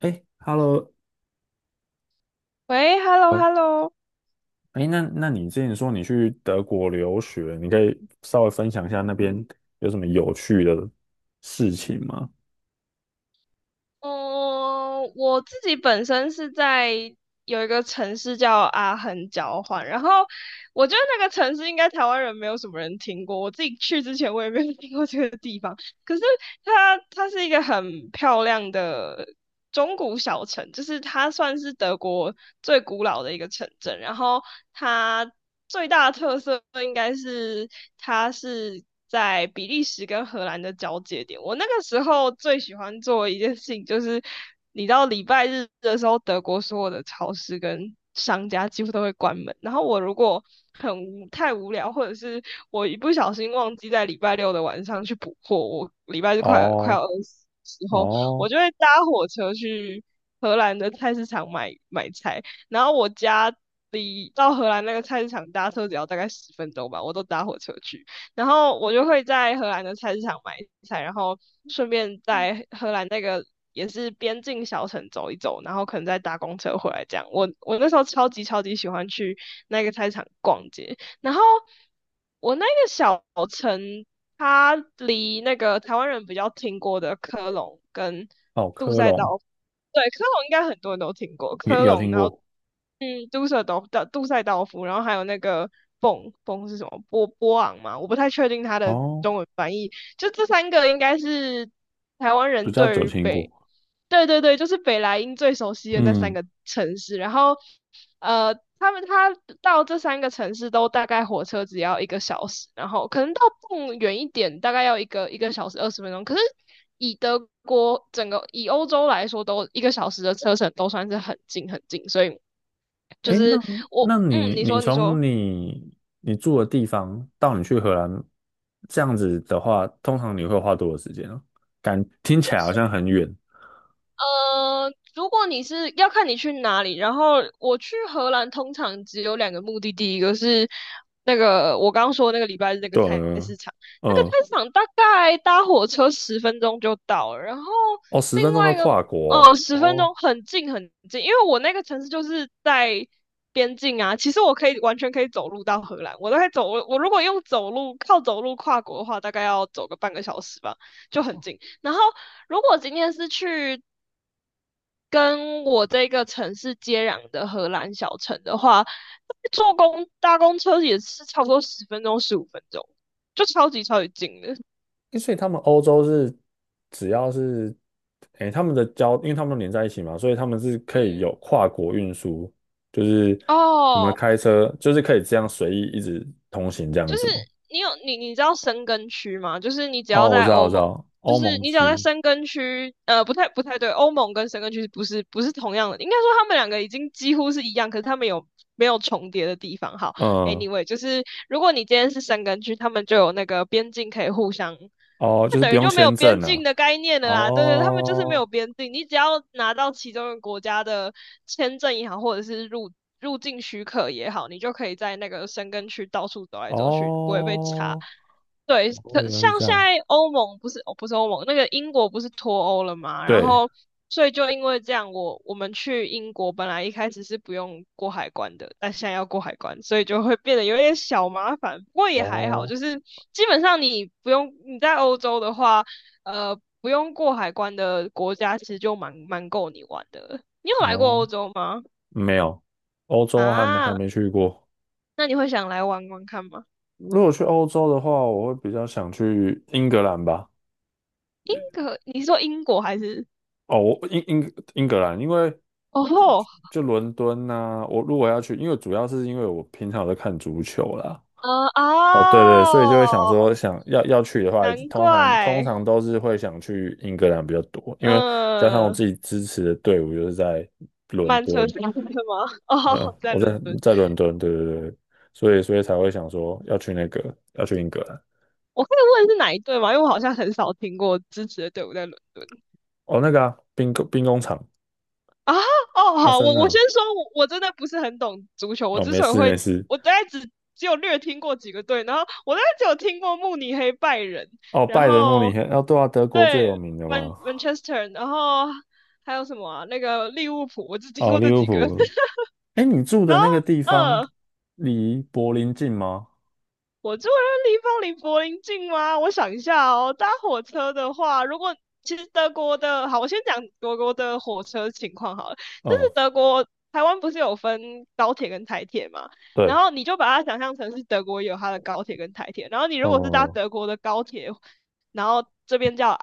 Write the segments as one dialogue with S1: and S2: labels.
S1: 哎，Hello，
S2: 喂，hello
S1: 啊，
S2: hello，
S1: 哎，那你之前说你去德国留学，你可以稍微分享一下那边有什么有趣的事情吗？
S2: 嗯，我自己本身是在有一个城市叫阿恒交换，然后我觉得那个城市应该台湾人没有什么人听过，我自己去之前我也没有听过这个地方，可是它是一个很漂亮的，中古小城，就是它算是德国最古老的一个城镇，然后它最大的特色应该是它是在比利时跟荷兰的交界点。我那个时候最喜欢做的一件事情就是，你到礼拜日的时候，德国所有的超市跟商家几乎都会关门，然后我如果很无太无聊，或者是我一不小心忘记在礼拜六的晚上去补货，我礼拜日快
S1: 哦
S2: 要饿死的时候，
S1: 哦
S2: 我就会搭火车去荷兰的菜市场买菜，然后我家到荷兰那个菜市场搭车只要大概十分钟吧，我都搭火车去，然后我就会在荷兰的菜市场买菜，然后顺便在荷兰那个，也是边境小城走一走，然后可能再搭公车回来这样。我那时候超级超级喜欢去那个菜市场逛街，然后我那个小城，它离那个台湾人比较听过的科隆跟
S1: 哦，
S2: 杜
S1: 科
S2: 塞岛，
S1: 隆
S2: 对，科隆应该很多人都听过，
S1: 有
S2: 科
S1: 有
S2: 隆，
S1: 听
S2: 然后
S1: 过
S2: 杜塞道夫，然后还有那个蹦是什么波昂嘛？我不太确定它的
S1: 哦，
S2: 中文翻译。就这三个应该是台湾
S1: 比
S2: 人
S1: 较久
S2: 对于
S1: 听过。
S2: 北，对对对，就是北莱茵最熟悉的那三
S1: 嗯，
S2: 个城市。然后他们到这三个城市都大概火车只要一个小时，然后可能到蹦远一点，大概要一个小时二十分钟。可是以德国整个以欧洲来说，都一个小时的车程都算是很近很近，所以。就
S1: 哎，那
S2: 是我，
S1: 那你
S2: 你
S1: 你
S2: 说，你说。
S1: 从你住的地方到你去荷兰，这样子的话，通常你会花多少时间啊？感听起来好像很远。
S2: 如果你是要看你去哪里，然后我去荷兰通常只有两个目的地，一个是那个我刚刚说那个礼拜日那个
S1: 对，
S2: 菜市场，那个菜
S1: 嗯，
S2: 市场大概搭火车十分钟就到了，然后
S1: 哦，十分
S2: 另
S1: 钟就
S2: 外一个
S1: 跨国
S2: 哦，
S1: 哦，
S2: 十分
S1: 哦
S2: 钟很近很近，因为我那个城市就是在边境啊，其实我可以完全可以走路到荷兰，我都可以走我如果用走路靠走路跨国的话，大概要走个半个小时吧，就很近。然后如果今天是去跟我这个城市接壤的荷兰小城的话，搭公车也是差不多10分钟、15分钟，就超级超级近的。
S1: 诶所以他们欧洲是只要是，诶，他们的交，因为他们都连在一起嘛，所以他们是可以
S2: 嗯，
S1: 有跨国运输，就是什么
S2: 哦，
S1: 开车，就是可以这样随意一直通行这样
S2: 就是
S1: 子吗？
S2: 你有你你知道申根区吗？就是你只要
S1: 哦，我
S2: 在
S1: 知道，我
S2: 欧
S1: 知
S2: 盟，
S1: 道，
S2: 就
S1: 欧
S2: 是
S1: 盟
S2: 你只要在
S1: 区，
S2: 申根区，不太对，欧盟跟申根区不是同样的，应该说他们两个已经几乎是一样，可是他们有没有重叠的地方？好
S1: 嗯，
S2: ，anyway，就是如果你今天是申根区，他们就有那个边境可以互相，
S1: 哦，就
S2: 那
S1: 是不
S2: 等于
S1: 用
S2: 就没有
S1: 签
S2: 边
S1: 证
S2: 境
S1: 啊，
S2: 的概念了啦。对对，他们就是没
S1: 哦，
S2: 有边境，你只要拿到其中一个国家的签证也好，或者是入境许可也好，你就可以在那个申根区到处走来走去，不会被查。
S1: 哦，
S2: 对，
S1: 哦，
S2: 可
S1: 原来是
S2: 像
S1: 这
S2: 现
S1: 样，
S2: 在欧盟不是，哦，不是欧盟，那个英国不是脱欧了嘛？然
S1: 对，
S2: 后，所以就因为这样，我们去英国本来一开始是不用过海关的，但现在要过海关，所以就会变得有点小麻烦。不过也还好，
S1: 哦，
S2: 就是基本上你不用你在欧洲的话，不用过海关的国家其实就蛮够你玩的了。你有来过欧
S1: 哦，
S2: 洲吗？
S1: 没有，欧洲还没还
S2: 啊，
S1: 没去过。
S2: 那你会想来玩玩看吗？
S1: 如果去欧洲的话，我会比较想去英格兰吧。
S2: 英格，你说英国还是？
S1: 哦，我英格兰，因为
S2: 哦
S1: 就
S2: 吼，
S1: 就伦敦呐、我如果要去，因为主要是因为我平常有在看足球啦。
S2: 嗯
S1: 哦，对对，所以就会想
S2: 哦，
S1: 说，想要去的话，
S2: 难
S1: 通常通
S2: 怪，
S1: 常都是会想去英格兰比较多，因为加上我
S2: 嗯，
S1: 自己支持的队伍就是在伦
S2: 曼彻
S1: 敦，
S2: 斯特吗？哦，
S1: 没有，
S2: 在
S1: 我
S2: 伦
S1: 在
S2: 敦，
S1: 在伦敦，对对对，所以才会想说要去那个要去英格兰。
S2: 我可以问是哪一队吗？因为我好像很少听过支持的队伍在伦敦
S1: 哦，那个啊，兵工厂，
S2: 啊。哦，
S1: 阿
S2: 好，
S1: 森
S2: 我我
S1: 纳。
S2: 先说，我我真的不是很懂足球，我
S1: 哦，
S2: 之
S1: 没
S2: 所以
S1: 事没
S2: 会，
S1: 事。
S2: 我大概只有略听过几个队，然后我大概只有听过慕尼黑拜仁，
S1: 哦，
S2: 然
S1: 拜仁慕尼
S2: 后
S1: 黑，哦，对啊，德国最有
S2: 对
S1: 名的
S2: 曼
S1: 嘛。
S2: 曼彻斯特，然后还有什么啊？那个利物浦，我只听
S1: 哦，
S2: 过
S1: 利
S2: 这
S1: 物
S2: 几个，
S1: 浦。哎，你住
S2: 然
S1: 的
S2: 后。
S1: 那个地方
S2: 嗯，
S1: 离柏林近吗？
S2: 我住的地方离柏林近吗？我想一下哦，搭火车的话，如果其实德国的，好，我先讲德国的火车情况好了。就是
S1: 嗯，
S2: 德国，台湾不是有分高铁跟台铁嘛？然
S1: 对，
S2: 后你就把它想象成是德国有它的高铁跟台铁，然后你如
S1: 嗯，
S2: 果是搭
S1: 哦，
S2: 德国的高铁，然后这边叫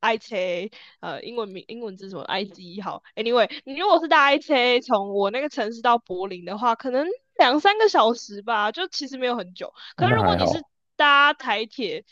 S2: IC，A,英文名英文字什么 IC 好，anyway，你如果是搭 IC A 从我那个城市到柏林的话，可能两三个小时吧，就其实没有很久。可是
S1: 那
S2: 如果
S1: 还
S2: 你是
S1: 好。
S2: 搭台铁、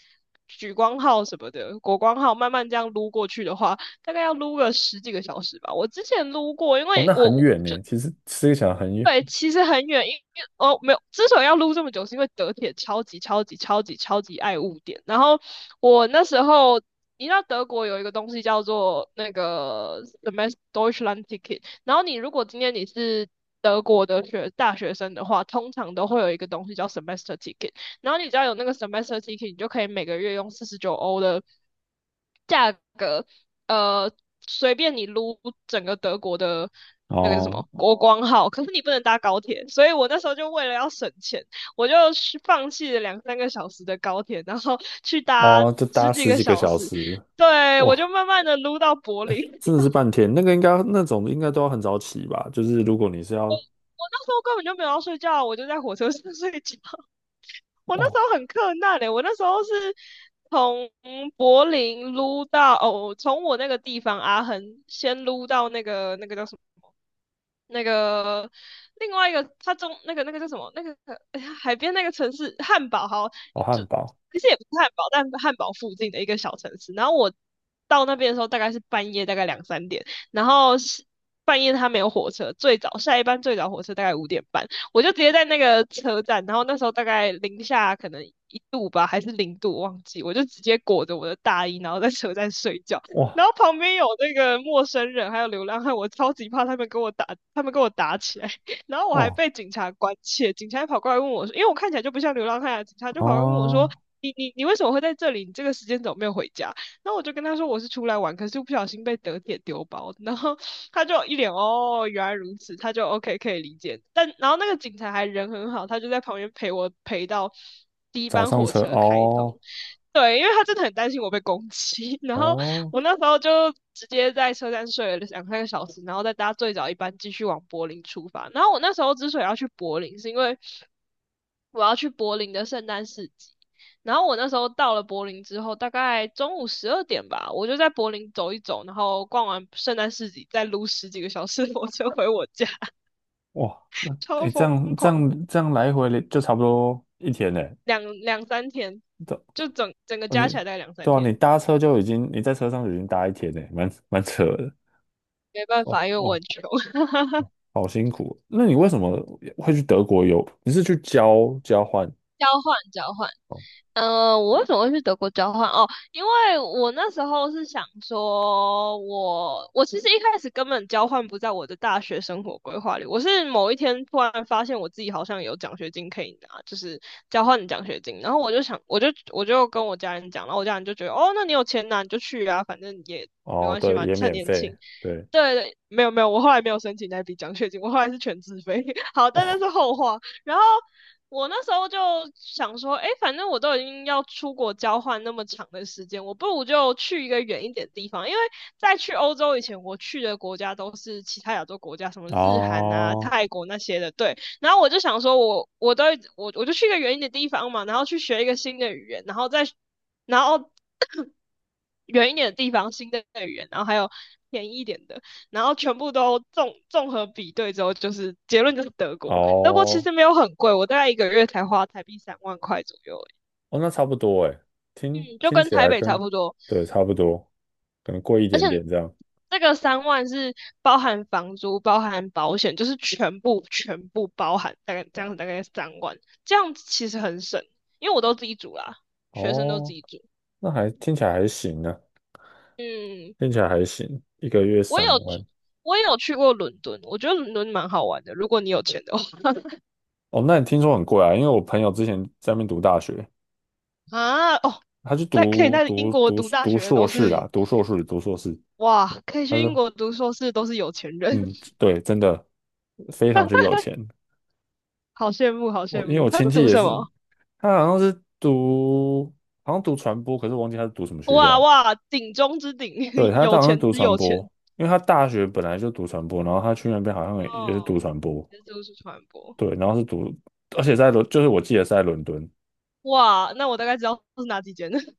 S2: 莒光号什么的、国光号慢慢这样撸过去的话，大概要撸个十几个小时吧。我之前撸过，因
S1: 哦，
S2: 为
S1: 那很
S2: 我
S1: 远呢，其实吃起来很
S2: 对，
S1: 远。
S2: 其实很远，因为哦没有，之所以要录这么久，是因为德铁超级超级超级超级爱误点。然后我那时候，你知道德国有一个东西叫做那个 Semester Deutschland Ticket，然后你如果今天你是德国的大学生的话，通常都会有一个东西叫 Semester Ticket，然后你只要有那个 Semester Ticket，你就可以每个月用49欧的价格呃，随便你撸整个德国的那个叫什
S1: 哦
S2: 么国光号，可是你不能搭高铁，所以我那时候就为了要省钱，我就去放弃了两三个小时的高铁，然后去搭
S1: 哦，就
S2: 十
S1: 搭
S2: 几
S1: 十
S2: 个
S1: 几个
S2: 小
S1: 小
S2: 时，
S1: 时，
S2: 对，我就
S1: 哇，
S2: 慢慢的撸到柏林。
S1: 真的是 半天。那个应该那种应该都要很早起吧？就是如果你是要
S2: 我那时候根本就没有要睡觉啊，我就在火车上 睡觉。我那时
S1: 哦，
S2: 候很困难嘞、我那时候是从柏林撸到哦，从我那个地方阿恒先撸到那个那个叫什么？那个另外一个，他中那个叫什么？那个哎呀海边那个城市汉堡，好，
S1: 哦，
S2: 就
S1: 汉堡，
S2: 其实也不是汉堡，但汉堡附近的一个小城市。然后我到那边的时候大概是半夜，大概2、3点。然后是半夜他没有火车，最早下一班最早火车大概5点半，我就直接在那个车站。然后那时候大概零下可能1度吧，还是0度，忘记。我就直接裹着我的大衣，然后在车站睡觉。
S1: 哇
S2: 然后旁边有那个陌生人，还有流浪汉，我超级怕他们跟我打，他们跟我打起来，然后我还
S1: 哦
S2: 被警察关切，警察还跑过来问我说，因为我看起来就不像流浪汉啊，警察就跑过来问我说，
S1: 哦，
S2: 你你你为什么会在这里？你这个时间怎么没有回家？然后我就跟他说我是出来玩，可是不小心被德铁丢包，然后他就一脸哦原来如此，他就 OK 可以理解，但然后那个警察还人很好，他就在旁边陪我陪到第一
S1: 早
S2: 班
S1: 上
S2: 火
S1: 车
S2: 车开通。
S1: 哦
S2: 对，因为他真的很担心我被攻击，然后
S1: 哦。
S2: 我那时候就直接在车站睡了两三个小时，然后再搭最早一班继续往柏林出发。然后我那时候之所以要去柏林，是因为我要去柏林的圣诞市集。然后我那时候到了柏林之后，大概中午12点吧，我就在柏林走一走，然后逛完圣诞市集，再撸十几个小时 的火车回我家，
S1: 哇，那 哎，
S2: 超
S1: 诶这
S2: 疯
S1: 样这
S2: 狂，
S1: 样这样来回了就差不多一天呢。
S2: 两三天，
S1: 这
S2: 就整整个
S1: 哦
S2: 加起
S1: 你
S2: 来大概两三
S1: 对啊，
S2: 天。
S1: 你搭车就已经你在车上就已经搭一天呢，蛮扯的。
S2: 没办
S1: 哦
S2: 法，因为我
S1: 哦，
S2: 很穷。
S1: 好辛苦哦。那你为什么会去德国游？你是去交换？
S2: 交换交换。
S1: 哦
S2: 我为什么会去德国交换？哦，因为我那时候是想说我其实一开始根本交换不在我的大学生活规划里，我是某一天突然发现我自己好像有奖学金可以拿，就是交换的奖学金，然后我就想，我就跟我家人讲，然后我家人就觉得，哦，那你有钱拿你就去啊，反正也没
S1: 哦，
S2: 关系
S1: 对，
S2: 嘛，
S1: 也
S2: 趁
S1: 免
S2: 年
S1: 费。
S2: 轻。
S1: 对
S2: 对，对没有没有，我后来没有申请那笔奖学金，我后来是全自费。好，但那是
S1: 哦
S2: 后话。然后我那时候就想说，哎，反正我都已经要出国交换那么长的时间，我不如就去一个远一点的地方。因为在去欧洲以前，我去的国家都是其他亚洲国家，什么日韩啊、
S1: 哦
S2: 泰国那些的。对，然后我就想说我，我我都我我就去一个远一点的地方嘛，然后去学一个新的语言，然后再然后 远一点的地方新的语言，然后还有便宜一点的。然后全部都综合比对之后，就是结论就是德国。德国其
S1: 哦
S2: 实没有很贵，我大概一个月才花台币3万块左右而
S1: 哦，那差不多哎，听
S2: 已，嗯，就
S1: 听
S2: 跟
S1: 起
S2: 台
S1: 来
S2: 北差
S1: 跟
S2: 不多。
S1: 对差不多，可能贵一
S2: 而
S1: 点
S2: 且
S1: 点这样。
S2: 这个三万是包含房租、包含保险，就是全部全部包含，大概这样
S1: 哦
S2: 子大概三万，这样子其实很省，因为我都自己煮啦，学生都自
S1: 哦，
S2: 己煮。
S1: 那还听起来还行呢。
S2: 嗯，
S1: 听起来还行，一个月
S2: 我
S1: 三
S2: 有去
S1: 万。
S2: 我有去过伦敦，我觉得伦敦蛮好玩的，如果你有钱的话
S1: 哦，那你听说很贵啊？因为我朋友之前在那边读大学，
S2: 啊哦，
S1: 他去
S2: 在可以
S1: 读
S2: 在英
S1: 读
S2: 国
S1: 读
S2: 读大
S1: 读
S2: 学的
S1: 硕
S2: 都
S1: 士
S2: 是
S1: 啊，读硕士。
S2: 哇，可以
S1: 他
S2: 去英
S1: 说，
S2: 国读硕士都是有钱人，
S1: 嗯，对，真的非常之有钱。
S2: 好羡慕，好
S1: 我
S2: 羡
S1: 因为
S2: 慕。
S1: 我
S2: 他
S1: 亲
S2: 是
S1: 戚
S2: 读
S1: 也
S2: 什
S1: 是，
S2: 么？
S1: 他好像是读好像读传播，可是我忘记他是读什么学
S2: 哇
S1: 校。
S2: 哇，顶中之顶，
S1: 对，他
S2: 有
S1: 当时
S2: 钱
S1: 读
S2: 之
S1: 传
S2: 有
S1: 播，
S2: 钱。
S1: 因为他大学本来就读传播，然后他去那边好像也是读
S2: 哦，
S1: 传播，
S2: 是都是传播。
S1: 对，然后是读，而且就是我记得是在伦敦。
S2: 哇，那我大概知道是哪几间了。如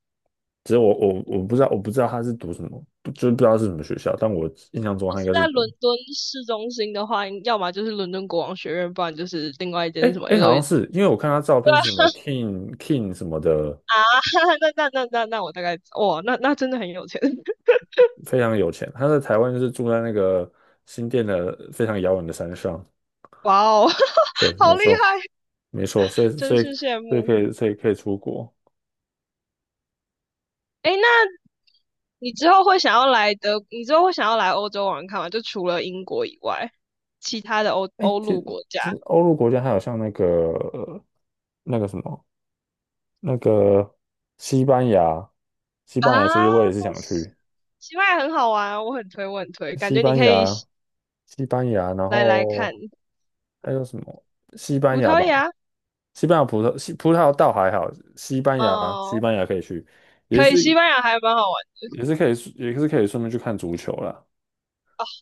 S1: 只是我不知道他是读什么，不就是不知道是什么学校，但我印象中
S2: 果
S1: 他
S2: 是
S1: 应该是
S2: 在
S1: 读，
S2: 伦敦市中心的话，要么就是伦敦国王学院，不然就是另外一间
S1: 哎
S2: 是什么
S1: 哎，好
S2: L
S1: 像
S2: E D。
S1: 是因为我看他照片是什么 King King 什么的，
S2: 那我大概哇，那真的很有钱，
S1: 非常有钱，他在台湾就是住在那个新店的非常遥远的山上，
S2: 哇哦，
S1: 对，没
S2: 好厉
S1: 错
S2: 害，
S1: 没错，所以
S2: 真
S1: 所以
S2: 是羡
S1: 所以
S2: 慕。
S1: 可以所以可以出国，
S2: 诶，那你之后会想要来德，你之后会想要来欧洲玩看吗？就除了英国以外，其他的欧
S1: 哎，
S2: 欧
S1: 其
S2: 陆
S1: 实
S2: 国家
S1: 其实欧陆国家还有像那个那个什么那个西班牙，西班牙其实
S2: 啊，
S1: 我也是想
S2: 西
S1: 去，
S2: 西班牙很好玩啊我很推，我很推，感
S1: 西
S2: 觉你
S1: 班
S2: 可以
S1: 牙，西班牙，然
S2: 来看
S1: 后还有什么？西班
S2: 葡
S1: 牙
S2: 萄
S1: 吧，
S2: 牙，
S1: 西班牙葡萄，西葡萄倒还好，西班牙，西
S2: 哦、
S1: 班牙可以去，也
S2: 可以，
S1: 是
S2: 西班牙还蛮好玩
S1: 也是可以，也是可以顺便去看足球啦，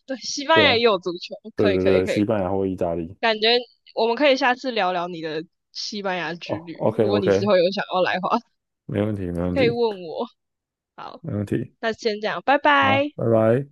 S2: 的，对，西
S1: 对
S2: 班牙也
S1: 吧？
S2: 有足球，
S1: 对
S2: 可以，
S1: 对
S2: 可以，
S1: 对，
S2: 可
S1: 西
S2: 以，
S1: 班牙或意大利。
S2: 感觉我们可以下次聊聊你的西班牙之
S1: 哦
S2: 旅，
S1: ，OK
S2: 如果你之
S1: OK，
S2: 后有想要来的话，
S1: 没问题没问
S2: 可以
S1: 题
S2: 问我。好，
S1: 没问题，
S2: 那先这样，拜
S1: 好，
S2: 拜。
S1: 拜拜。